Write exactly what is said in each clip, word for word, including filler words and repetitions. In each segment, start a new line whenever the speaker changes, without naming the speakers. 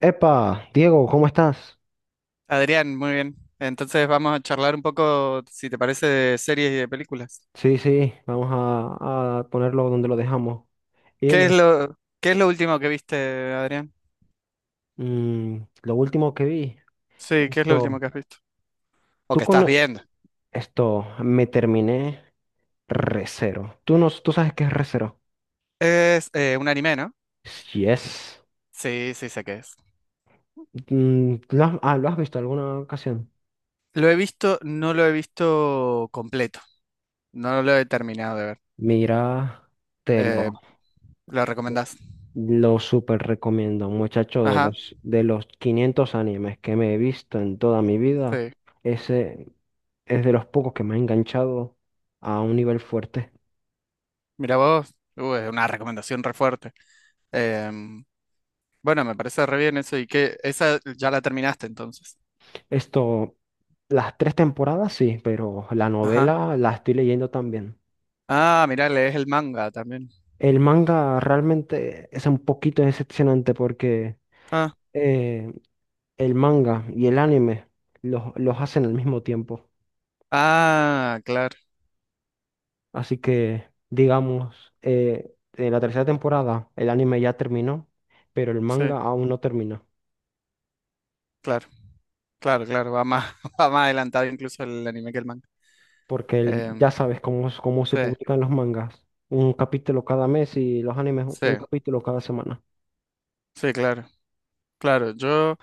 Epa, Diego, ¿cómo estás?
Adrián, muy bien. Entonces vamos a charlar un poco, si te parece, de series y de películas.
Sí, sí, vamos a, a ponerlo donde lo dejamos. Y
¿Qué es
dime,
lo, qué es lo último que viste, Adrián?
mm, lo último que vi,
Sí, ¿qué es lo último
esto,
que has visto? O
tú
que estás
con
viendo.
esto, me terminé Recero. ¿Tú, no, tú sabes qué es Recero?
Es eh, un anime, ¿no?
Yes.
Sí, sí, sé qué es.
Mm, ¿lo has, ah, ¿lo has visto alguna ocasión?
Lo he visto, no lo he visto completo. No lo he terminado de ver.
Mira, te
Eh,
lo,
¿Lo recomendás?
Lo súper recomiendo, muchacho, de
Ajá,
los, de los quinientos animes que me he visto en toda mi vida,
sí.
ese es de los pocos que me ha enganchado a un nivel fuerte.
Mira vos, uh, es una recomendación re fuerte. Em, bueno, me parece re bien eso. ¿Y que ¿Esa ya la terminaste entonces?
Esto, las tres temporadas sí, pero la novela la estoy leyendo también.
Ah, mira, lees el manga también.
El manga realmente es un poquito decepcionante porque
Ah,
eh, el manga y el anime los, los hacen al mismo tiempo.
ah, claro,
Así que, digamos, eh, en la tercera temporada el anime ya terminó, pero el
sí,
manga aún no termina,
claro, claro, claro, va más, va más adelantado incluso el anime que el manga.
porque el- ya
Em,
sabes cómo, es- cómo se
sí,
publican los mangas, un capítulo cada mes y los animes un
sí,
capítulo cada semana.
sí, claro, claro. Yo,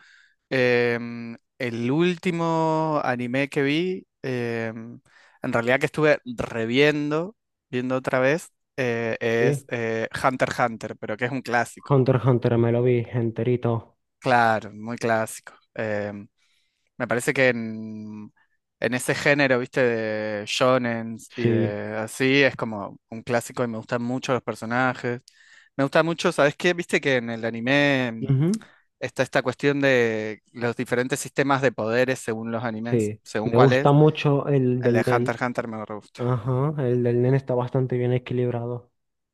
em, El último anime que vi, em, en realidad que estuve reviendo, viendo otra vez, eh, es
Sí.
eh, Hunter x Hunter, pero que es un clásico.
Hunter x Hunter me lo vi enterito,
Claro, muy clásico. Em, Me parece que en, en ese género, viste, de shonen y
sí.
de así, es como un clásico y me gustan mucho los personajes. Me gusta mucho, ¿sabes qué? Viste que en el anime mm,
Ujú.
está esta cuestión de los diferentes sistemas de poderes según los animes,
Sí,
según
me
cuál
gusta
es.
mucho el
El
del
de Hunter
Nen,
x Hunter me re gusta.
ajá, el del Nen está bastante bien equilibrado.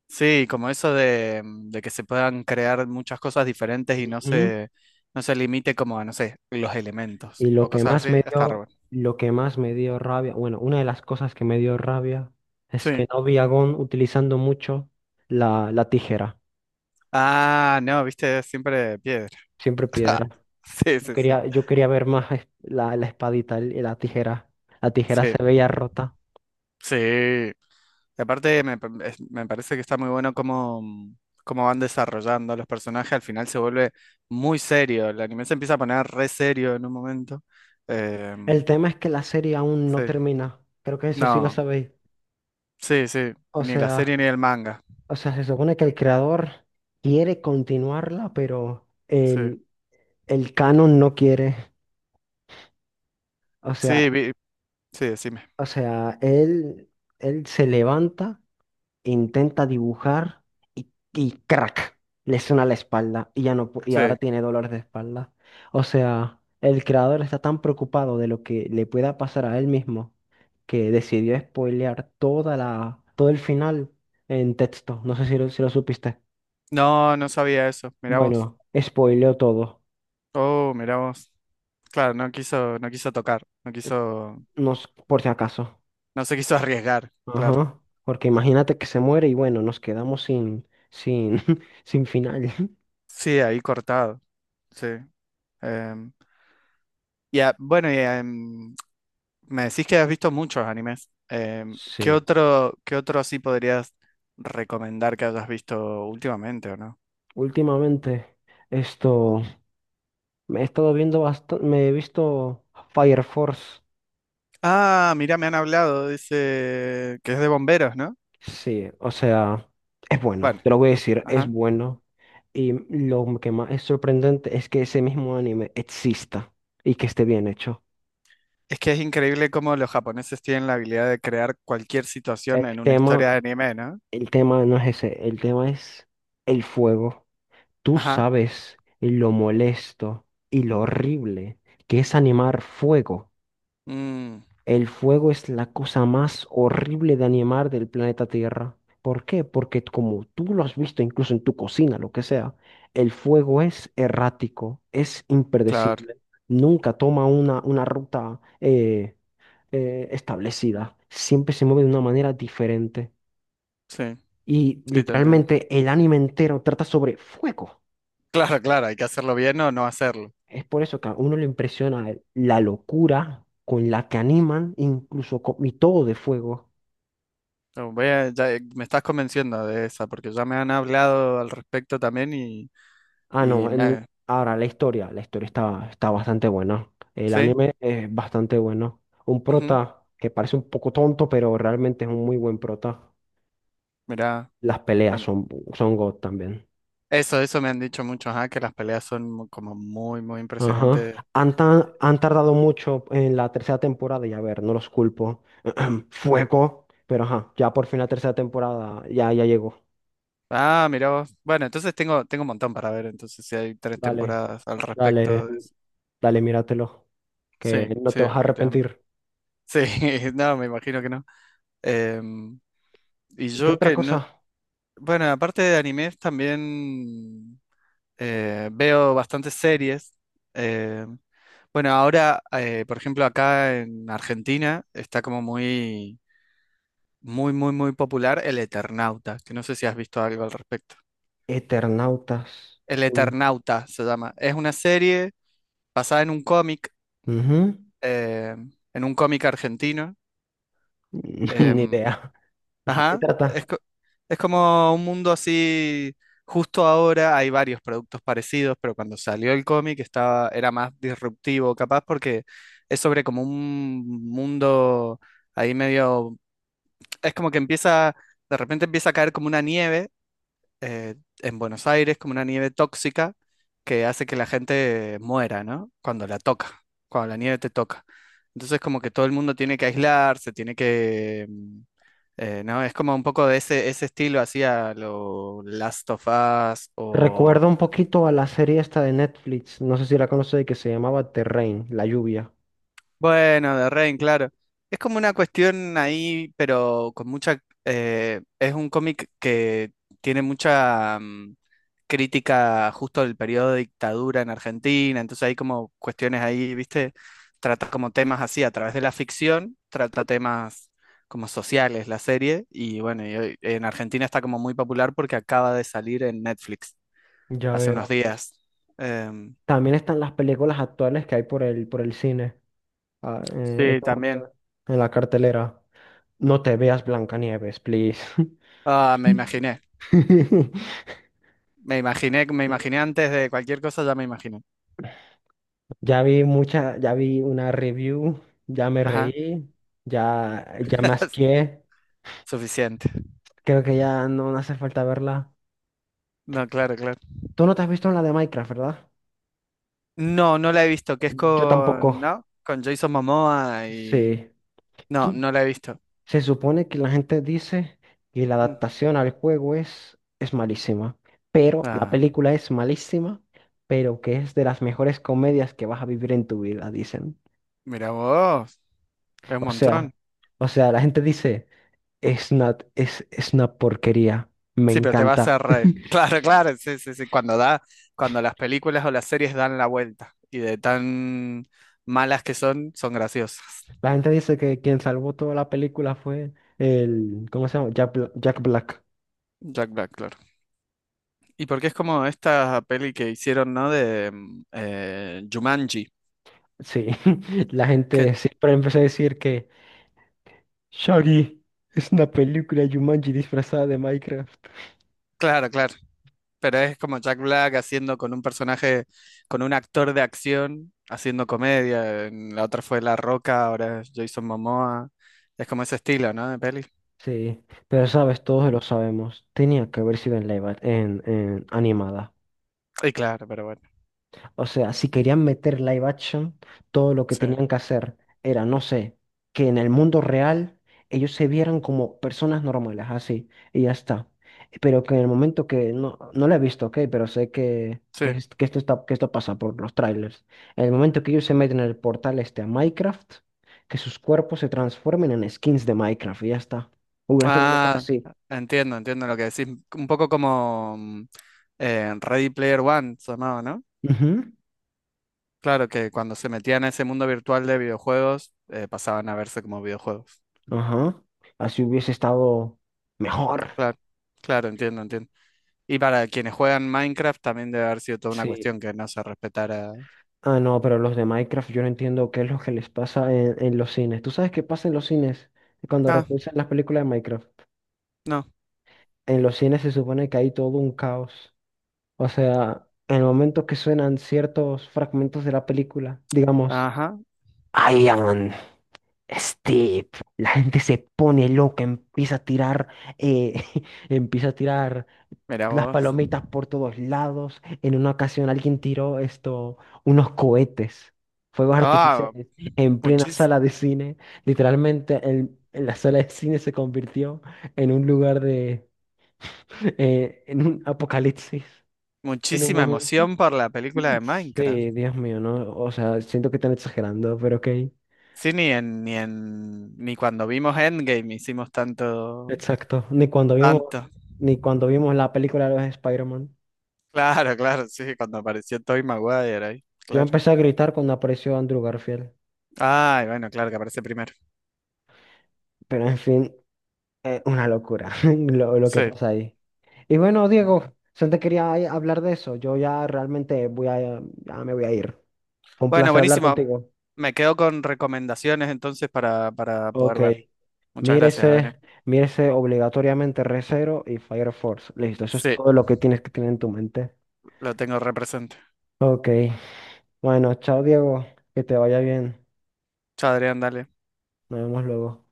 Sí, como eso de, mm, de que se puedan crear muchas cosas diferentes y no
Ujú.
se, no se limite como a, no sé, los
Y
elementos
lo
o
que
cosas
más
así,
me
está re
dio,
bueno.
lo que más me dio rabia, bueno, una de las cosas que me dio rabia es
Sí.
que no vi a Gon utilizando mucho la, la tijera,
Ah, no, viste, siempre piedra.
siempre piedra.
Sí,
Yo
sí, sí.
quería, yo quería ver más es- la, la espadita y la tijera. La tijera
Sí,
se veía rota.
sí. Y aparte, me, pa- es- me parece que está muy bueno cómo, mm, cómo van desarrollando los personajes. Al final se vuelve muy serio. El anime se empieza a poner re serio en un momento.
El
Em,
tema es que la serie aún no
sí,
termina. Creo que eso sí lo
no,
sabéis.
sí, sí.
O
Ni la
sea,
serie ni el manga.
o sea, se supone que el creador quiere continuarla, pero
Sí,
el, el canon no quiere. O
sí,
sea,
vi- sí, decime.
O sea, él, él se levanta, intenta dibujar y, y crack, le suena la espalda y ya no, pu- y
Sí.
ahora tiene dolor de espalda. O sea, el creador está tan preocupado de lo que le pueda pasar a él mismo que decidió spoilear toda la, todo el final en texto. No sé si lo, si lo supiste.
No, no sabía eso. Mirá vos.
Bueno, spoileó todo,
Oh, mirá vos. Claro, no quiso, no quiso tocar. No quiso.
nos, por si acaso.
No se quiso arriesgar, claro.
Ajá, porque imagínate que se muere y bueno, nos quedamos sin, sin, sin final.
Sí, ahí cortado, sí. Em, y a- bueno, y, em, me decís que has visto muchos animes. Em, ¿qué
Sí,
otro, qué otro así podrías recomendar que hayas visto últimamente o no?
últimamente esto me he estado viendo bastante, me he visto Fire Force.
Ah, mira, me han hablado, dice que es de bomberos, ¿no?
Sí, o sea, es bueno,
Bueno,
te lo voy a decir, es
ajá.
bueno. Y lo que más es sorprendente es que ese mismo anime exista y que esté bien hecho.
Es que es increíble cómo los japoneses tienen la habilidad de crear cualquier
El
situación en una historia
tema,
de anime, ¿no?
el tema no es ese, el tema es el fuego. Tú
Ajá.
sabes lo molesto y lo horrible que es animar fuego.
Mm,
El fuego es la cosa más horrible de animar del planeta Tierra. ¿Por qué? Porque como tú lo has visto incluso en tu cocina, lo que sea, el fuego es errático, es
claro,
impredecible, nunca toma una, una ruta eh, eh, establecida, siempre se mueve de una manera diferente.
sí,
Y
sí, te entiendo.
literalmente el anime entero trata sobre fuego.
Claro, claro, hay que hacerlo bien o no hacerlo.
Es por eso que a uno le impresiona la locura con la que animan, incluso con, y todo de fuego.
No, voy a- ya, eh, me estás convenciendo de esa, porque ya me han hablado al respecto también y,
Ah,
y
no.
me
En-
ha-
ahora, la historia. La historia está, está bastante buena. El
¿Sí?
anime es bastante bueno. Un
Ujú,
prota que parece un poco tonto, pero realmente es un muy buen prota.
mirá,
Las peleas
bueno,
son, son God también.
eso, eso me han dicho muchos, ah, que las peleas son mu- como muy, muy
Ajá.
impresionantes.
Han, ta- han tardado mucho en la tercera temporada y a ver, no los culpo. Fuego. Pero ajá, ya por fin la tercera temporada ya, ya llegó.
Ah, mirá vos. Bueno, entonces tengo, tengo un montón para ver, entonces si hay tres
Dale,
temporadas al
dale,
respecto de eso.
dale, míratelo. Que
Sí,
no
sí,
te vas a
definitivamente.
arrepentir.
Sí, no, me imagino que no. Em, y
¿Y qué
yo
otra
que no...
cosa?
Bueno, aparte de animes, también eh, veo bastantes series. em, Bueno, ahora, eh, por ejemplo, acá en Argentina está como muy, muy, muy, muy popular El Eternauta, que no sé si has visto algo al respecto.
Eternautas.
El
Mm.
Eternauta se llama. Es una serie basada en un cómic,
Ujú.
eh, en un cómic argentino.
Ni
em,
idea. ¿De qué
ajá,
trata?
es, co- es como un mundo así, justo ahora hay varios productos parecidos, pero cuando salió el cómic estaba, era más disruptivo, capaz, porque es sobre como un mundo ahí medio es como que empieza, de repente empieza a caer como una nieve eh, en Buenos Aires, como una nieve tóxica que hace que la gente muera, ¿no? Cuando la toca, cuando la nieve te toca. Entonces como que todo el mundo tiene que aislarse, tiene que... mm, eh, ¿no? Es como un poco de ese, ese estilo hacia lo Last of Us.
Recuerda un poquito a la serie esta de Netflix, no sé si la conoces, que se llamaba The Rain, La Lluvia.
Bueno, de Rain, claro. Es como una cuestión ahí, pero con mucha... eh, Es un cómic que tiene mucha mm, crítica justo del periodo de dictadura en Argentina, entonces hay como cuestiones ahí, ¿viste? Trata como temas así, a través de la ficción, trata temas como sociales la serie, y bueno, y hoy- en Argentina está como muy popular porque acaba de salir en Netflix
Ya
hace unos
veo.
días. Em,
También están las películas actuales que hay por el, por el cine, ah, eh, en
sí,
este
también.
momento, en la cartelera. No te veas Blancanieves, please.
Ah, me imaginé. Me imaginé, me imaginé antes de cualquier cosa, ya me imaginé.
Ya vi mucha, ya vi una review, ya me
Ajá,
reí, ya, ya me asqué.
suficiente.
Creo que ya no no hace falta verla.
No, claro, claro.
Tú no te has visto la de Minecraft, ¿verdad?
No, no la he visto, que es
Yo
con,
tampoco.
¿no? Con Jason Momoa y...
Sí.
No,
Tú-
no la he visto.
se supone que la gente dice que la
Mm.
adaptación al juego es, es malísima, pero la
Ah,
película es malísima, pero que es de las mejores comedias que vas a vivir en tu vida, dicen.
mira vos, es un
O sea,
montón.
o sea, la gente dice, es una, es, es una porquería, me
Sí, pero te vas a
encanta.
reír. Claro, claro, sí, sí, sí. Cuando da, cuando las películas o las series dan la vuelta y de tan malas que son, son graciosas.
La gente dice que quien salvó toda la película fue el, ¿cómo se llama? Jack Bla- Jack Black.
Jack Black, claro. Y porque es como esta peli que hicieron, ¿no? De mm, eh, Jumanji.
Sí, la
Que
gente siempre empezó a decir Shaggy es una película Jumanji disfrazada de Minecraft.
Claro, claro. Pero es como Jack Black haciendo con un personaje, con un actor de acción, haciendo comedia. En La otra fue La Roca, ahora es Jason Momoa. Es como ese estilo, ¿no? De peli.
Sí, pero sabes, todos lo sabemos. Tenía que haber sido en live, ac- en, en animada.
Y claro, pero bueno.
O sea, si querían meter live action, todo lo que
Sí,
tenían que hacer era, no sé, que en el mundo real ellos se vieran como personas normales, así, y ya está. Pero que en el momento que, no, no lo he visto, ok, pero sé que, que,
sí.
es- que esto está, que esto pasa por los trailers. En el momento que ellos se meten en el portal este a Minecraft, que sus cuerpos se transformen en skins de Minecraft, y ya está. Hubiera estado mejor
Ah,
así.
entiendo, entiendo lo que decís. Un poco como mm, eh, Ready Player One se llamaba, ¿no?
Ujú.
Claro, que cuando se metían a ese mundo virtual de videojuegos, eh, pasaban a verse como videojuegos.
Ajá. Así hubiese estado mejor.
Claro, claro, entiendo, entiendo. Y para quienes juegan Minecraft también debe haber sido toda una
Sí.
cuestión que no se respetara.
Ah, no, pero los de Minecraft yo no entiendo qué es lo que les pasa en, en los cines. ¿Tú sabes qué pasa en los cines cuando
Ah,
repulsan las películas de Minecraft?
no.
En los cines se supone que hay todo un caos. O sea, en el momento que suenan ciertos fragmentos de la película, digamos,
Ajá,
Steve, la gente se pone loca, empieza a tirar, eh, empieza a tirar
mira
las
vos.
palomitas por todos lados. En una ocasión alguien tiró esto, unos cohetes, fuegos
Ah,
artificiales, en plena
muchis-
sala de cine. Literalmente el- la sala de cine se convirtió en un lugar de, eh, en un apocalipsis, en un
muchísima
momento.
emoción por la película de Minecraft.
Sí, Dios mío, no, o sea, siento que están exagerando, pero ok.
Sí, ni en, ni en, ni cuando vimos Endgame hicimos tanto,
Exacto, ni cuando vimos,
tanto.
ni cuando vimos la película de los Spider-Man.
Claro, claro, sí, cuando apareció Tobey Maguire ahí,
Yo
claro.
empecé a gritar cuando apareció Andrew Garfield,
Ay, bueno, claro que aparece primero.
pero en fin, eh, una locura lo, lo que
Sí.
pasa ahí. Y bueno, Diego, solo te quería ahí hablar de eso. Yo ya realmente voy a, ya me voy a ir. Fue un
Bueno,
placer hablar
buenísimo.
contigo.
Me quedo con recomendaciones entonces para, para
Ok,
poder ver. Muchas gracias, Adrián.
mírese, mírese obligatoriamente Re:Zero y Fire Force. Listo, eso es
Sí,
todo lo que tienes que tener en tu mente.
lo tengo represente.
Ok, bueno, chao Diego, que te vaya bien.
Chadrián, dale.
Nos vemos luego.